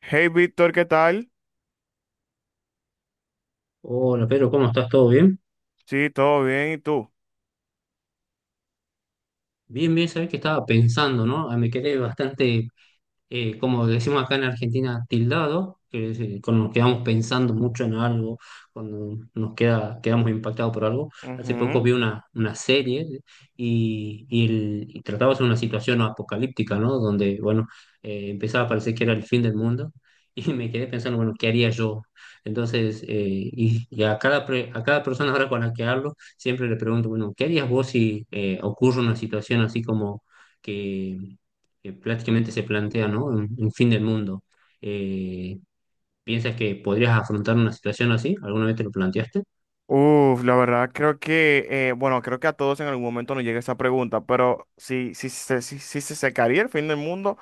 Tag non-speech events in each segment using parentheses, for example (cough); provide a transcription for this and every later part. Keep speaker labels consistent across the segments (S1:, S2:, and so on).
S1: Hey Víctor, ¿qué tal?
S2: Hola Pedro, ¿cómo estás? ¿Todo bien?
S1: Sí, todo bien, ¿y tú?
S2: Bien, bien, sabés que estaba pensando, ¿no? Ah, me quedé bastante como decimos acá en Argentina, tildado, que es, cuando nos quedamos pensando mucho en algo, cuando quedamos impactados por algo. Hace poco
S1: Ujú.
S2: vi una serie y trataba sobre una situación apocalíptica, ¿no? Donde, bueno, empezaba a parecer que era el fin del mundo (laughs) y me quedé pensando, bueno, ¿qué haría yo? Entonces, y a a cada persona ahora con la que hablo, siempre le pregunto, bueno, ¿qué harías vos si ocurre una situación así como... que que prácticamente se plantea, ¿no? Un fin del mundo. Eh, ¿Piensas que podrías afrontar una situación así? ¿Alguna vez te lo planteaste?
S1: Uf, la verdad creo que, bueno, creo que a todos en algún momento nos llega esa pregunta, pero si se secaría el fin del mundo,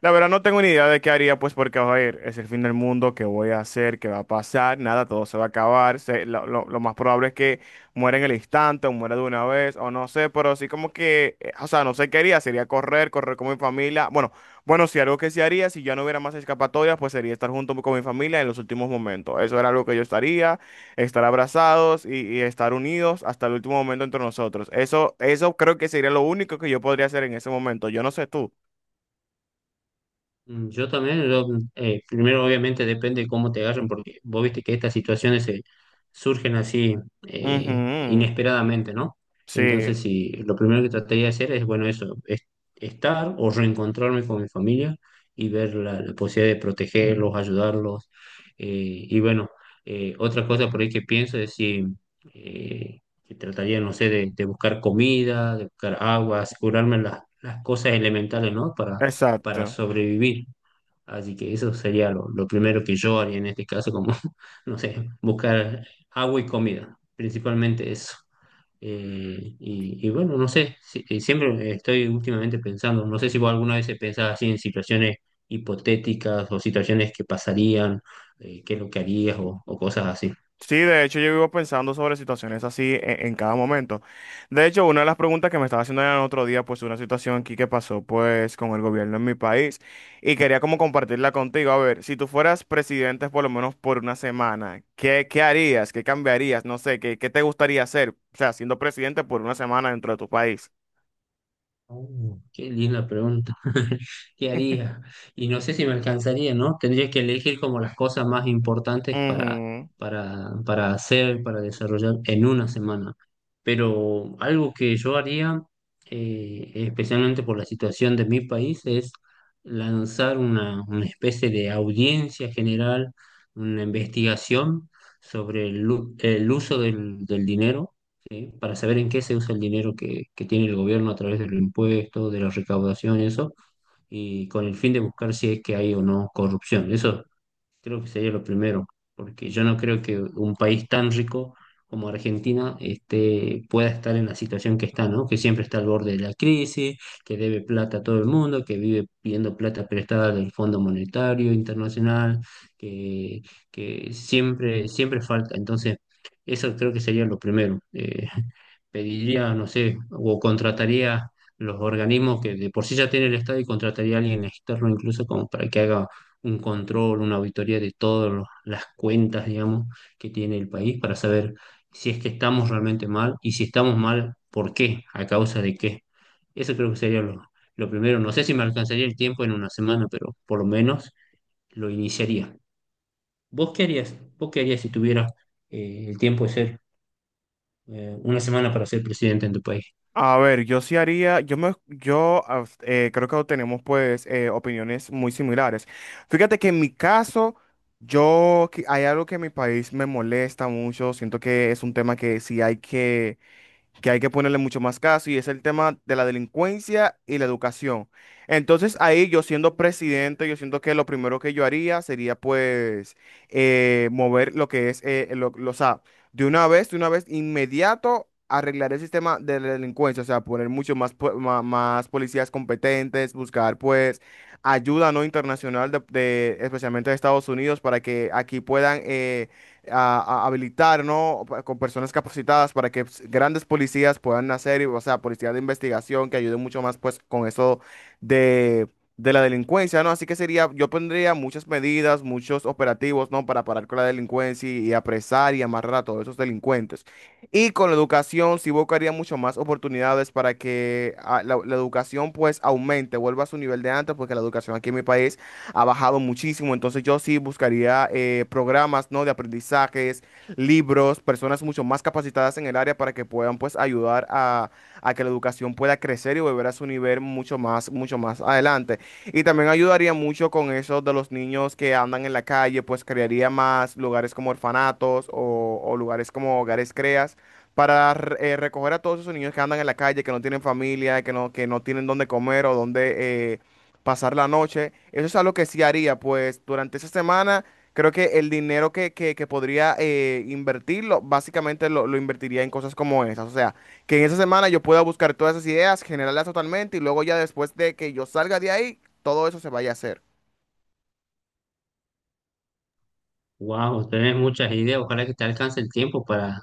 S1: la verdad no tengo ni idea de qué haría, pues porque, a ver, es el fin del mundo, qué voy a hacer, qué va a pasar, nada, todo se va a acabar, lo más probable es que muera en el instante o muera de una vez, o no sé, pero sí como que, o sea, no sé qué haría, sería correr, correr con mi familia, bueno, bueno, si algo que sí haría, si ya no hubiera más escapatorias, pues sería estar junto con mi familia en los últimos momentos, eso era algo que yo estaría estar abrazados y estar unidos hasta el último momento entre nosotros. Eso creo que sería lo único que yo podría hacer en ese momento. Yo no sé tú.
S2: Mm, yo también, yo, primero obviamente depende de cómo te agarren, porque vos viste que estas situaciones se surgen así
S1: Ujú.
S2: inesperadamente, ¿no?
S1: Sí,
S2: Entonces, si lo primero que trataría de hacer es, bueno, eso, estar o reencontrarme con mi familia y ver la posibilidad de protegerlos, ayudarlos. eh, y bueno, otra cosa por ahí que pienso es eh, que trataría, no sé, de buscar comida, de buscar agua, asegurarme las cosas elementales, ¿no? Para
S1: exacto.
S2: sobrevivir. Así que eso sería lo primero que yo haría en este caso, como, (laughs) no sé, buscar agua y comida, principalmente eso. Y bueno, no sé, siempre estoy últimamente pensando, no sé si vos alguna vez pensás así en situaciones hipotéticas o situaciones que pasarían, qué es lo que harías o cosas así.
S1: Sí, de hecho yo vivo pensando sobre situaciones así en cada momento. De hecho, una de las preguntas que me estaba haciendo el otro día, pues una situación aquí que pasó pues con el gobierno en mi país y quería como compartirla contigo. A ver, si tú fueras presidente por lo menos por una semana, ¿qué, qué harías? ¿Qué cambiarías? No sé, ¿qué, qué te gustaría hacer? O sea, siendo presidente por una semana dentro de tu país.
S2: Oh, qué linda pregunta. (laughs) ¿Qué haría? Y no sé si me alcanzaría, ¿no? Tendría que elegir como las cosas más importantes para hacer, para desarrollar en una semana. Pero algo que yo haría, especialmente por la situación de mi país, es lanzar una especie de audiencia general, una investigación sobre el uso del dinero, ¿sí? Para saber en qué se usa el dinero que tiene el gobierno a través de los impuestos, de la recaudación, eso, y con el fin de buscar si es que hay o no corrupción. Eso creo que sería lo primero, porque yo no creo que un país tan rico como Argentina este, pueda estar en la situación que está, ¿no? Que siempre está al borde de la crisis, que debe plata a todo el mundo, que vive pidiendo plata prestada del Fondo Monetario Internacional, que, que siempre, siempre falta. Entonces, eso creo que sería lo primero. Pediría, no sé, o contrataría los organismos que de por sí ya tiene el Estado y contrataría a alguien externo incluso como para que haga un control, una auditoría de todas las cuentas, digamos, que tiene el país para saber si es que estamos realmente mal y si estamos mal, ¿por qué? ¿A causa de qué? Eso creo que sería lo primero. No sé si me alcanzaría el tiempo en una semana, pero por lo menos lo iniciaría. ¿Vos qué harías? ¿Vos qué harías si tuvieras el tiempo de ser una semana para ser presidente en tu país?
S1: A ver, yo sí haría, yo me, yo creo que tenemos pues opiniones muy similares. Fíjate que en mi caso, yo que- hay algo que en mi país me molesta mucho. Siento que es un tema que sí hay que ponerle mucho más caso y es el tema de la delincuencia y la educación. Entonces ahí yo siendo presidente, yo siento que lo primero que yo haría sería pues mover lo que es, o sea, de una vez, inmediato arreglar el sistema de la delincuencia, o sea, poner mucho más, más policías competentes, buscar pues ayuda no internacional especialmente de Estados Unidos para que aquí puedan a habilitar, ¿no? Pa- Con personas capacitadas para que pues, grandes policías puedan hacer, o sea, policías de investigación que ayuden mucho más, pues, con eso de, de la delincuencia, ¿no? Así que sería, yo pondría muchas medidas, muchos operativos, ¿no? Para parar con la delincuencia y apresar y amarrar a todos esos delincuentes. Y con la educación, sí buscaría mucho más oportunidades para que ah, la educación, pues, aumente, vuelva a su nivel de antes, porque la educación aquí en mi país ha bajado muchísimo. Entonces yo sí buscaría programas, ¿no? De aprendizajes, libros, personas mucho más capacitadas en el área para que puedan pues ayudar a que la educación pueda crecer y volver a su nivel mucho más adelante. Y también ayudaría mucho con eso de los niños que andan en la calle, pues crearía más lugares como orfanatos o lugares como hogares creas para recoger a todos esos niños que andan en la calle, que no tienen familia, que no tienen dónde comer o dónde pasar la noche. Eso es algo que sí haría, pues durante esa semana creo que el dinero que podría invertirlo, básicamente lo invertiría en cosas como esas. O sea, que en esa semana yo pueda buscar todas esas ideas, generarlas totalmente y luego ya después de que yo salga de ahí, todo eso se vaya a hacer.
S2: Wow, tenés muchas ideas. Ojalá que te alcance el tiempo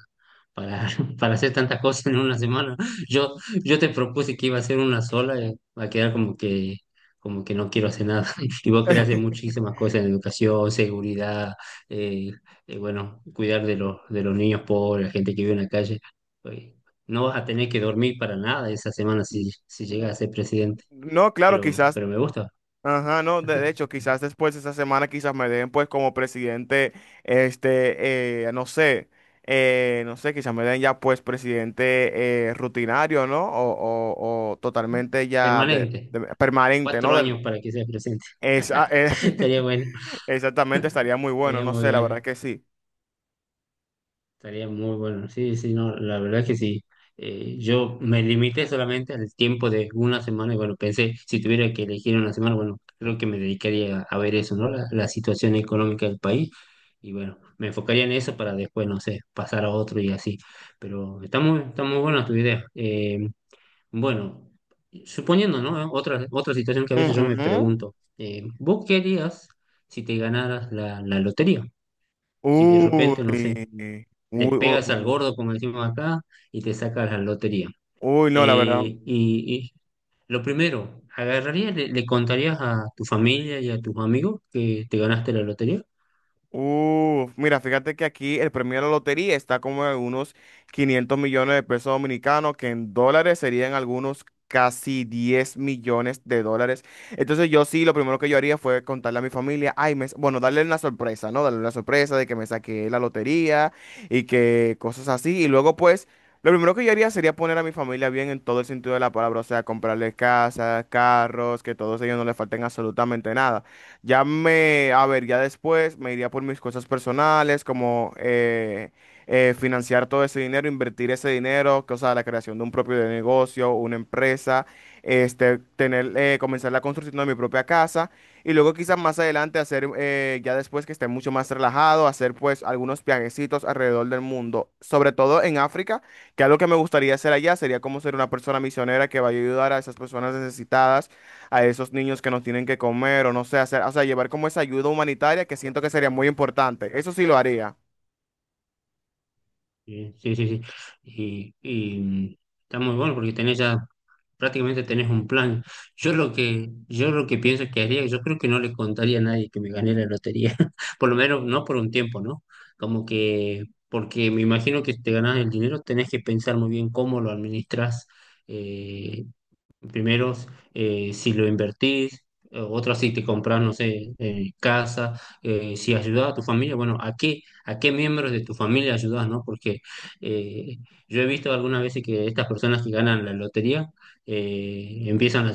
S2: para, (laughs) para hacer tantas cosas en una semana. Yo, yo te propuse que iba a hacer una sola, va a quedar como que no quiero hacer nada. (laughs) Y vos querés hacer muchísimas cosas en educación, seguridad, eh, bueno, cuidar de de los niños pobres, la gente que vive en la calle. Oye, no vas a tener que dormir para nada esa semana si, si llegas a ser presidente.
S1: No, claro, quizás.
S2: Pero me gusta.
S1: Ajá, no, de hecho, quizás después de esa semana quizás me den pues como presidente, no sé, no sé, quizás me den ya pues presidente rutinario, ¿no? O, o totalmente ya
S2: Permanente.
S1: de- permanente, ¿no?
S2: Cuatro
S1: Del-
S2: años para que seas presidente.
S1: esa,
S2: (laughs) Estaría bueno.
S1: (laughs) exactamente, estaría muy bueno,
S2: Estaría
S1: no
S2: muy
S1: sé, la verdad
S2: bueno,
S1: que sí.
S2: estaría muy bueno. Sí, sí, no, la verdad es que sí. Yo me limité solamente al tiempo de una semana y bueno, pensé, si tuviera que elegir una semana, bueno, creo que me dedicaría a ver eso, ¿no? La situación económica del país y bueno, me enfocaría en eso para después, no sé, pasar a otro y así. Pero está muy buena tu idea. Bueno, suponiendo, ¿no? Otra situación que a veces yo me
S1: Ujú.
S2: pregunto, ¿vos qué harías si te ganaras la lotería? Si de repente, no sé,
S1: Uy,
S2: le
S1: uy, uy,
S2: pegas al
S1: uy,
S2: gordo, como decimos acá, y te sacas la lotería.
S1: uy, no, la verdad.
S2: Y lo primero, ¿agarrarías, le contarías a tu familia y a tus amigos que te ganaste la lotería?
S1: Uf, mira, fíjate que aquí el premio de la lotería está como en unos 500 millones de pesos dominicanos, que en dólares serían algunos casi 10 millones de dólares. Entonces yo sí, lo primero que yo haría fue contarle a mi familia, ay, me, bueno, darle una sorpresa, ¿no? Darle una sorpresa de que me saqué la lotería y que cosas así. Y luego pues, lo primero que yo haría sería poner a mi familia bien en todo el sentido de la palabra, o sea, comprarle casas, carros, que todos ellos no les falten absolutamente nada. Ya me, a ver, ya después me iría por mis cosas personales, como financiar todo ese dinero, invertir ese dinero, que, o sea, la creación de un propio negocio, una empresa, tener, comenzar la construcción de mi propia casa y luego quizás más adelante hacer, ya después que esté mucho más relajado, hacer pues algunos viajecitos alrededor del mundo, sobre todo en África, que algo que me gustaría hacer allá sería como ser una persona misionera que vaya a ayudar a esas personas necesitadas a esos niños que nos tienen que comer o no sé, hacer, o sea, llevar como esa ayuda humanitaria que siento que sería muy importante. Eso sí lo haría.
S2: Sí, sí, sí, sí. Y, y, mm, está muy bueno porque tenés ya, prácticamente tenés un plan. Yo lo que pienso que haría, yo creo que no le contaría a nadie que me gané la lotería, (laughs) por lo menos no por un tiempo, ¿no? Como que, porque me imagino que si te ganás el dinero, tenés que pensar muy bien cómo lo administras. Primeros, si lo invertís, otra si te compras, no sé, casa, si ayudas a tu familia, bueno, ¿a qué miembros de tu familia ayudas, no? Porque eh, yo he visto algunas veces que estas personas que ganan la lotería eh, empiezan a,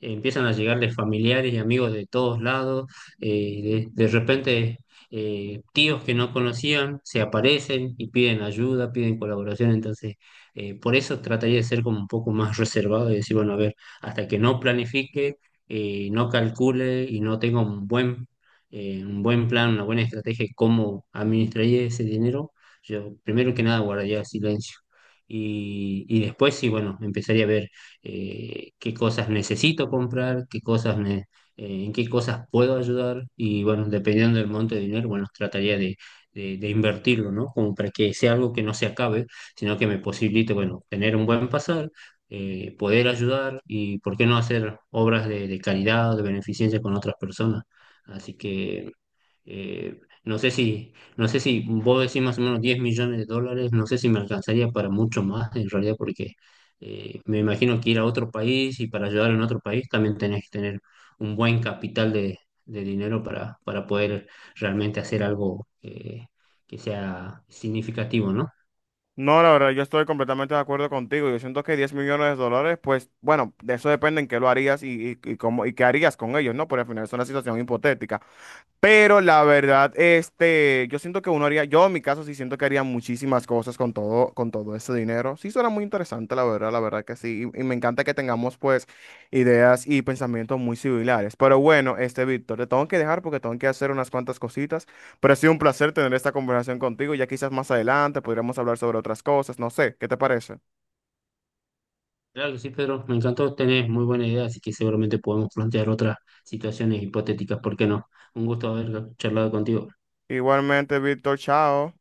S2: empiezan a llegarles familiares y amigos de todos lados, de repente tíos que no conocían se aparecen y piden ayuda, piden colaboración, entonces por eso trataría de ser como un poco más reservado y decir, bueno, a ver, hasta que no planifique, no calcule y no tenga un buen plan, una buena estrategia de cómo administraría ese dinero, yo primero que nada guardaría silencio. Y después sí, bueno, empezaría a ver qué cosas necesito comprar, qué cosas me, en qué cosas puedo ayudar y bueno, dependiendo del monto de dinero, bueno, trataría de invertirlo, ¿no? Como para que sea algo que no se acabe sino que me posibilite, bueno, tener un buen pasar, poder ayudar y, ¿por qué no hacer obras de caridad, de beneficencia con otras personas? Así que no sé si, no sé si vos decís más o menos 10 millones de dólares, no sé si me alcanzaría para mucho más en realidad, porque me imagino que ir a otro país y para ayudar en otro país también tenés que tener un buen capital de dinero para poder realmente hacer algo que sea significativo, ¿no?
S1: No, la verdad, yo estoy completamente de acuerdo contigo. Yo siento que $10 millones, pues, bueno, de eso depende en qué lo harías y cómo, y qué harías con ellos, ¿no? Porque al final es una situación hipotética. Pero la verdad, yo siento que uno haría, yo en mi caso sí siento que haría muchísimas cosas con todo ese dinero. Sí suena muy interesante, la verdad que sí. Y me encanta que tengamos pues ideas y pensamientos muy similares. Pero bueno, Víctor, te tengo que dejar porque tengo que hacer unas cuantas cositas. Pero ha sido un placer tener esta conversación contigo. Ya quizás más adelante podríamos hablar sobre otras cosas, no sé, ¿qué te parece?
S2: Claro que sí, Pedro, me encantó, tenés muy buena idea, así que seguramente podemos plantear otras situaciones hipotéticas, ¿por qué no? Un gusto haber charlado contigo.
S1: Igualmente, Víctor, chao.